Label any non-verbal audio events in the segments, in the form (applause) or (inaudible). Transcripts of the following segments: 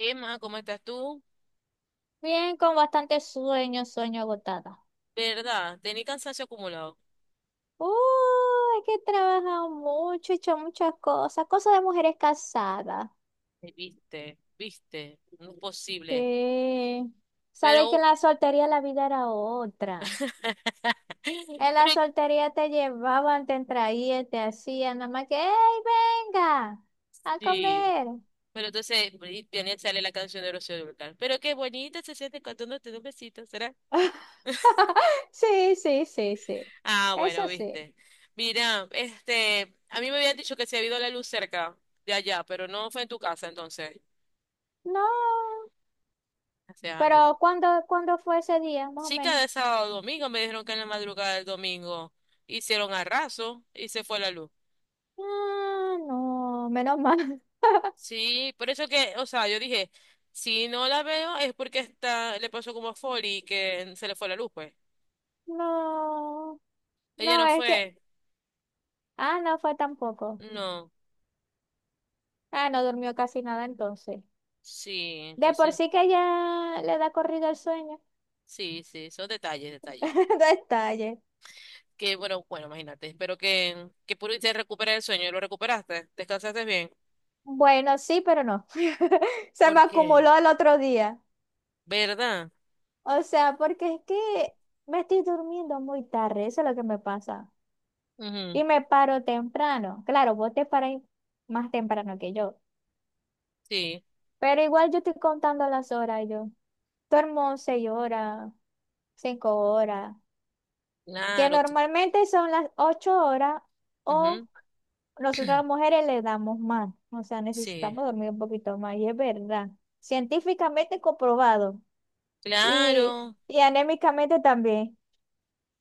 Emma, ¿cómo estás tú? Bien, con bastante sueño, sueño agotada. ¿Verdad? Tenía cansancio acumulado. Uy, es que he trabajado mucho, he hecho muchas cosas, cosas de mujeres casadas. Viste, viste, no es posible. Sí. Sabes que en Pero, la soltería la vida era otra. (laughs) En la pero soltería te llevaban, te traían, te hacían, nada más que, ¡hey, venga! A sí. comer. (laughs) Pero entonces, y viene sale la canción de Rocío Dúrcal. Pero qué bonita se siente cuando te da un besito, ¿será? Sí, sí, sí, sí. Ah, Eso bueno, sí. viste. Mira, este, a mí me habían dicho que se había ido la luz cerca de allá, pero no fue en tu casa, entonces. No. Gracias a Dios. Pero ¿cuándo, cuándo fue ese día, más o Sí, menos? cada sábado o domingo me dijeron que en la madrugada del domingo hicieron arraso y se fue la luz. Ah, no, menos mal. Sí, por eso que, o sea, yo dije, si no la veo es porque está, le pasó como a Folly que se le fue la luz, pues. (laughs) No. Ella No, no es que, fue. ah, no fue tampoco. No. Ah, no durmió casi nada entonces. Sí, De por entonces, sí que ya le da corrido el sueño. sí, sí, son detalles, detalles. (laughs) Detalle. Que bueno, bueno, imagínate. Espero que pudiste recuperar el sueño. ¿Lo recuperaste? ¿Descansaste bien? Bueno, sí, pero no. (laughs) Se me Porque, acumuló al otro día. ¿verdad? O sea, porque es que me estoy durmiendo muy tarde, eso es lo que me pasa. Ujú, Y me paro temprano. Claro, vos te paráis más temprano que yo. sí, Pero igual yo estoy contando las horas yo. Duermo seis horas, cinco horas, que claro. Tú- normalmente son las ocho horas o ujú, nosotras las mujeres le damos más, o sea, sí, necesitamos dormir un poquito más, y es verdad. Científicamente comprobado y, claro. y anémicamente también.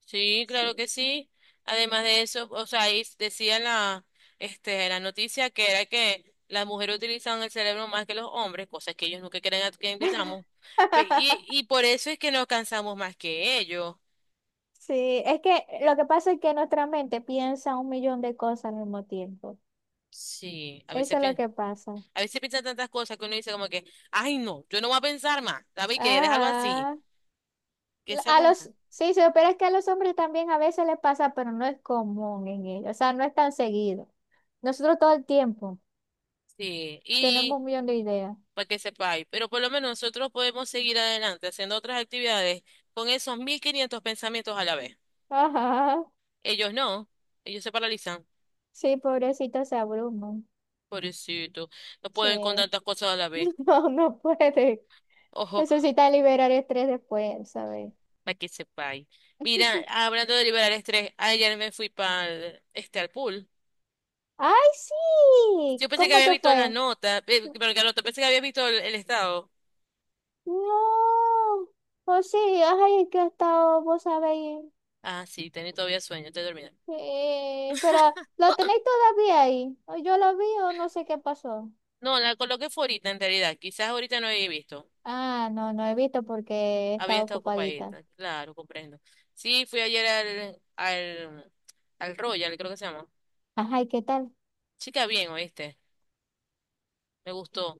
Sí, Sí. claro que sí. Además de eso, o sea, ahí decía en la, este, en la noticia que era que las mujeres utilizan el cerebro más que los hombres, cosas que ellos nunca creen que invitamos. Pe- Y, (laughs) y por eso es que nos cansamos más que ellos. Sí, es que lo que pasa es que nuestra mente piensa un millón de cosas al mismo tiempo. Sí, a veces, Eso es lo pien- que pasa. a veces piensan tantas cosas que uno dice como que, ay no, yo no voy a pensar más, ¿sabes qué? Déjalo así, Ah, que sea a como los, sea. sí, sí, pero es que a los hombres también a veces les pasa, pero no es común en ellos, o sea, no es tan seguido. Nosotros todo el tiempo Sí, y tenemos un millón de ideas. para que sepáis, pero por lo menos nosotros podemos seguir adelante haciendo otras actividades con esos 1.500 pensamientos a la vez. Ajá. Ellos no, ellos se paralizan. Sí, pobrecito se abruma. Pobrecito, no Sí. pueden con (laughs) tantas cosas a la vez. No, no puede. Ojo, Necesita liberar estrés después, ¿sabes? para que sepáis. Mira, (laughs) hablando de liberar estrés, ayer me fui para al pool. ¡Ay, sí! Yo pensé que ¿Cómo había te visto la fue? nota, pero la nota, pensé que había visto el estado. No. Oh, sí, ay, que he estado, vos sabéis. Ah, sí, tenía todavía sueño, estoy dormida. Pero, ¿lo tenéis todavía ahí? ¿O yo lo vi o no sé qué pasó? No, la coloqué fue ahorita en realidad, quizás ahorita no había visto. Ah, no, no he visto porque he Había estado estado ocupadita. ocupadita, claro, comprendo. Sí, fui ayer al Royal, creo que se llama. Ajá, ¿y qué tal? Chica, bien, ¿oíste? Me gustó.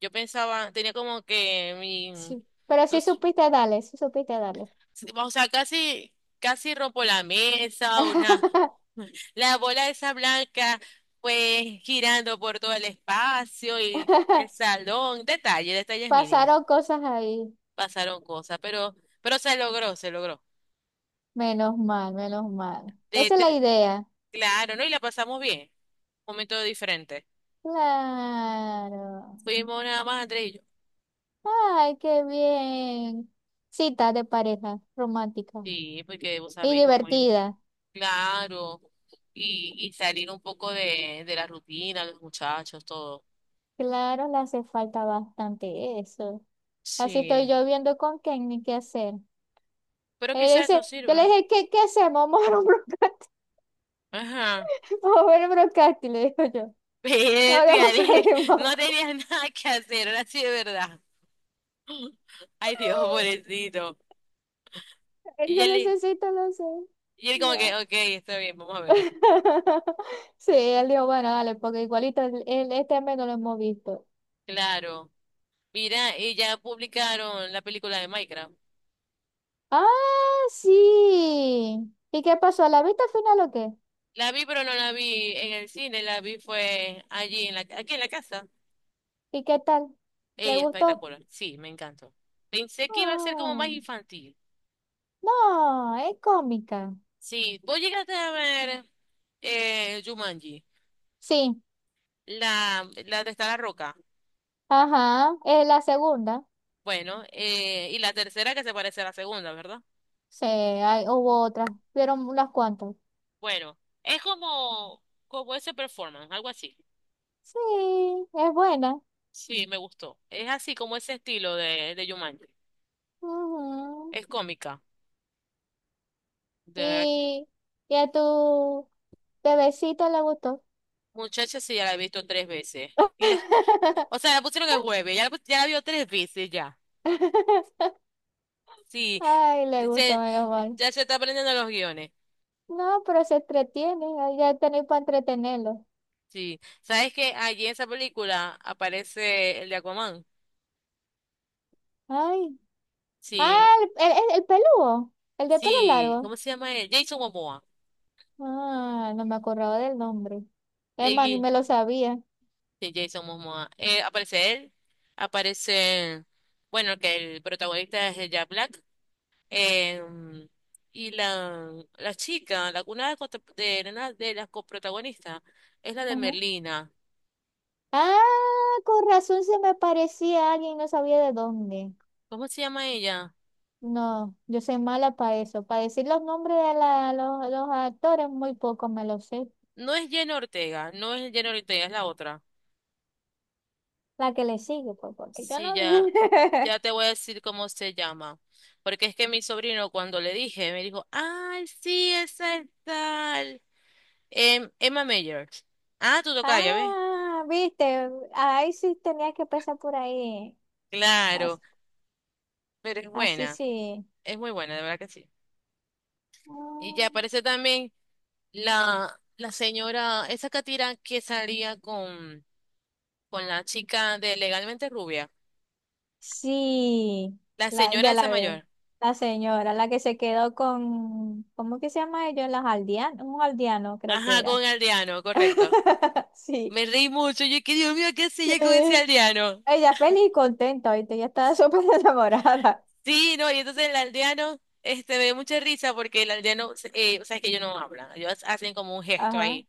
Yo pensaba, tenía como que mi, Sí. Pero no sí sé, supiste darle, sí supiste darle. sí, o sea, casi, casi rompo la mesa, una, (laughs) la bola esa blanca, pues girando por todo el espacio y el salón, detalle, detalles mínimos. Pasaron cosas ahí. Pasaron cosas, pero se logró, se logró. Menos mal, menos mal. De Esa es la tre- idea. claro, ¿no? Y la pasamos bien. Momento diferente. Claro. Fuimos nada más, Andrés y yo. Ay, qué bien. Cita de pareja romántica Sí, porque vos y sabéis cómo es. divertida. Claro. Y salir un poco de la rutina, los muchachos, todo. Claro, le hace falta bastante eso. Así estoy Sí, yo viendo con Kenny qué hacer. pero Él quizás eso dice, yo le sirve. dije, ¿qué hacemos? Vamos a ver un brocante. Ajá. (laughs) Vamos a ver un brocante, le digo yo. (laughs) Pero, Ahora tía, pues salimos. no (laughs) tenías nada que hacer, ahora sí de verdad. (laughs) Ay, Dios, pobrecito. Él Y dice, él, necesito, no sé. y él como que, ok, está bien, vamos a verlo. (laughs) Sí, él dijo, bueno, dale, porque igualito el este mes no lo hemos visto. Claro. Mira, y ya publicaron la película de Minecraft. Ah, sí. ¿Y qué pasó? ¿La viste al final o qué? La vi, pero no la vi en el cine, la vi fue allí, en la, aquí en la casa. ¿Y qué tal? ¿Le Ey, gustó? espectacular. Sí, me encantó. Pensé que iba a ser como Ah, más infantil. no, es cómica. Sí, vos llegaste a ver Jumanji, Sí, la de Está la Roca. ajá, es la segunda. Bueno, y la tercera que se parece a la segunda, ¿verdad? Sí, hubo otras, vieron unas cuantas. Bueno, es como, como ese performance, algo así. Sí, es buena. Sí, me gustó. Es así como ese estilo de Jumanji. Ujú. Es cómica. De verdad, ¿Y, y a tu bebecito le gustó? muchacha, sí, ya la he visto tres veces. Y la, (laughs) o sea, la pusieron el jueves, ya la vio tres veces ya. Sí, Ay, le gustó, Se, menos mal. ya se está aprendiendo los guiones. No, pero se entretiene, ahí ya tenéis para entretenerlo. Sí. ¿Sabes que allí en esa película aparece el de Aquaman? Ay, Sí, ah, el peludo, el de pelo sí. largo. ¿Cómo se llama él? Jason Momoa. Ah, no me acordaba del nombre. Es El más, ni gui- me lo sabía. sí, Jason Momoa. Aparece él. Aparece, bueno, que el protagonista es el Jack Black. em, y la, chica, la una de, una de las coprotagonistas, es la de Ajá. Merlina. Ah, con razón se me parecía a alguien, no sabía de dónde. ¿Cómo se llama ella? No, yo soy mala para eso. Para decir los nombres de los actores, muy poco me lo sé. No es Jenna Ortega, no es Jenna Ortega, es la otra. La que le sigue, pues, porque yo Sí, no. ya (laughs) te voy a decir cómo se llama. Porque es que mi sobrino, cuando le dije, me dijo, ay, sí, esa es tal. Emma Mayer. Ah, tú tocas, ya ves. Ah, viste, ahí sí tenía que pasar por ahí. Claro, As- pero es Así, buena, sí. es muy buena, de verdad que sí. Y ya Ah, aparece también la señora, esa catira que salía con la chica de Legalmente Rubia. sí, La la, señora ya esa la ve. mayor. La señora, la que se quedó con, ¿cómo que se llama ellos? Los aldeanos, un aldeano creo que Ajá, con era. Aldeano, correcto. (laughs) Sí. Me reí mucho, yo que Dios mío, ¿qué hacía ella con ese Sí. aldeano? Ella feliz y contenta, ¿viste? Ella estaba súper (laughs) enamorada. Sí, no, y entonces el aldeano, este, me dio mucha risa porque el aldeano, o sea, es que ellos no hablan, ellos hacen como un gesto Ajá, ahí.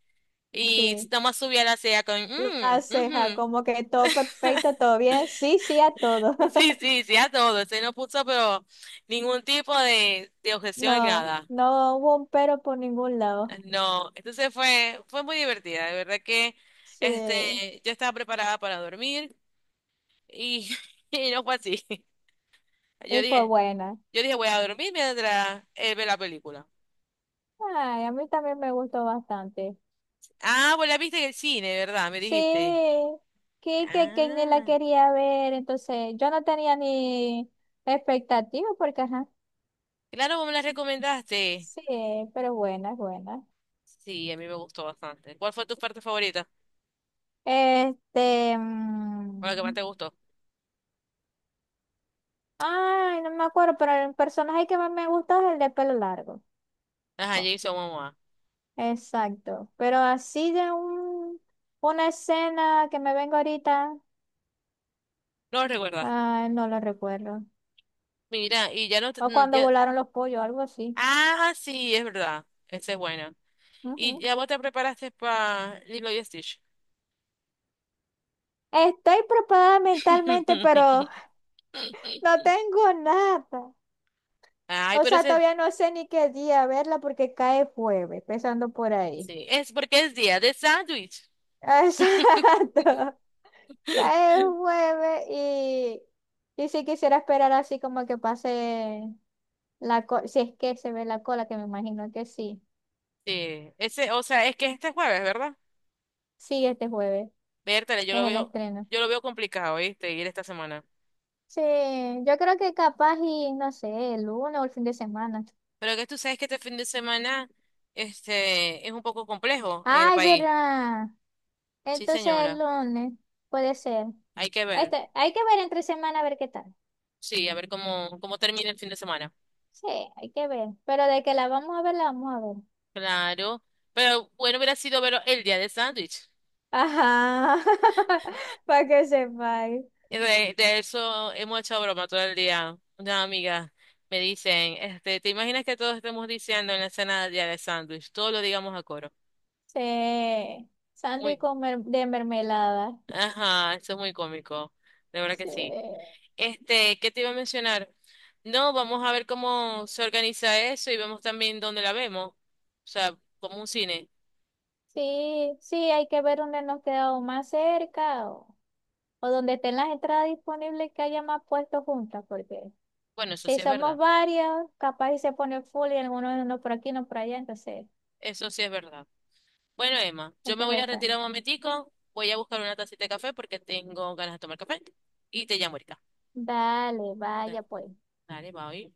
Y sí. nomás subía la ceja con, La mm, ujú". ceja, (laughs) como que todo perfecto, todo bien. Sí, sí a todo. Sí, sí, sí, a todo. Se no puso, pero ningún tipo de objeción en No, nada. no hubo un pero por ningún lado. No, entonces fue, fue muy divertida. De verdad que, este, Sí, yo estaba preparada para dormir y, (laughs) y no fue así. Yo y fue dije, buena. yo dije, voy a dormir mientras él ve la película. Ay, a mí también me gustó bastante. Ah, pues la viste en el cine, ¿verdad? Me dijiste. Sí, que ni la Ah, quería ver, entonces yo no tenía ni expectativa porque, ajá, claro, vos me las recomendaste. sí, pero buena, buena. Sí, a mí me gustó bastante. ¿Cuál fue tu parte favorita? Este, ¿O la que más mm, te gustó? ay, no me acuerdo, pero el personaje que más me gusta es el de pelo largo. Ajá, Oh, Jason Momoa. exacto, pero así de un, una escena que me vengo ahorita. No lo recuerdas. Ay, no lo recuerdo. Mira, y ya no te- O mm, cuando ya. volaron los pollos, algo así. Ah, sí, es verdad. Ese es bueno. ¿Y Ujú. ya vos te preparaste para Lilo y Stitch? Estoy preparada mentalmente, pero (laughs) (laughs) no tengo nada. Ay, O pero sea, ese. todavía no sé ni qué día verla porque cae jueves, empezando por ahí. Sí, es porque es día de sándwich. (laughs) (laughs) Exacto. Cae jueves y sí quisiera esperar así como que pase la cola, si es que se ve la cola, que me imagino que sí. Sí, ese, o sea, es que este jueves, ¿verdad? Sí, este jueves Vértale, yo es lo el veo, estreno. yo lo veo complicado, ¿viste? Ir esta semana. Sí, yo creo que capaz y no sé, el lunes o el fin de semana. Pero que tú sabes que este fin de semana es un poco complejo en el Ay, país. ¿verdad? Sí, Entonces el señora. lunes puede ser. Hay que ver. Este, hay que ver entre semana a ver qué tal. Sí, a ver cómo termina el fin de semana. Sí, hay que ver. Pero de que la vamos a ver, la vamos a ver. Claro. Pero bueno, hubiera sido verlo el día del sándwich. Ajá. (laughs) Para que sepáis. De eso hemos hecho broma todo el día. Una amiga me dicen, ¿te imaginas que todos estemos diciendo en la escena del día del sándwich? Todo lo digamos a coro. Sí. Sandy Muy. con de mermelada. Ajá, eso es muy cómico. De verdad que Sí. sí. ¿Qué te iba a mencionar? No, vamos a ver cómo se organiza eso y vemos también dónde la vemos. O sea, como un cine. Sí, sí, hay que ver dónde nos quedamos más cerca o donde estén las entradas disponibles que haya más puestos juntas, porque Bueno, eso si sí es somos verdad. varios, capaz y se pone full y algunos no por aquí, no por allá, entonces Eso sí es verdad. Bueno, Emma, hay yo me que voy ver a retirar también. un momentico. Voy a buscar una tacita de café porque tengo ganas de tomar café. Y te llamo ahorita. Dale, Da- vaya pues. Dale, bye.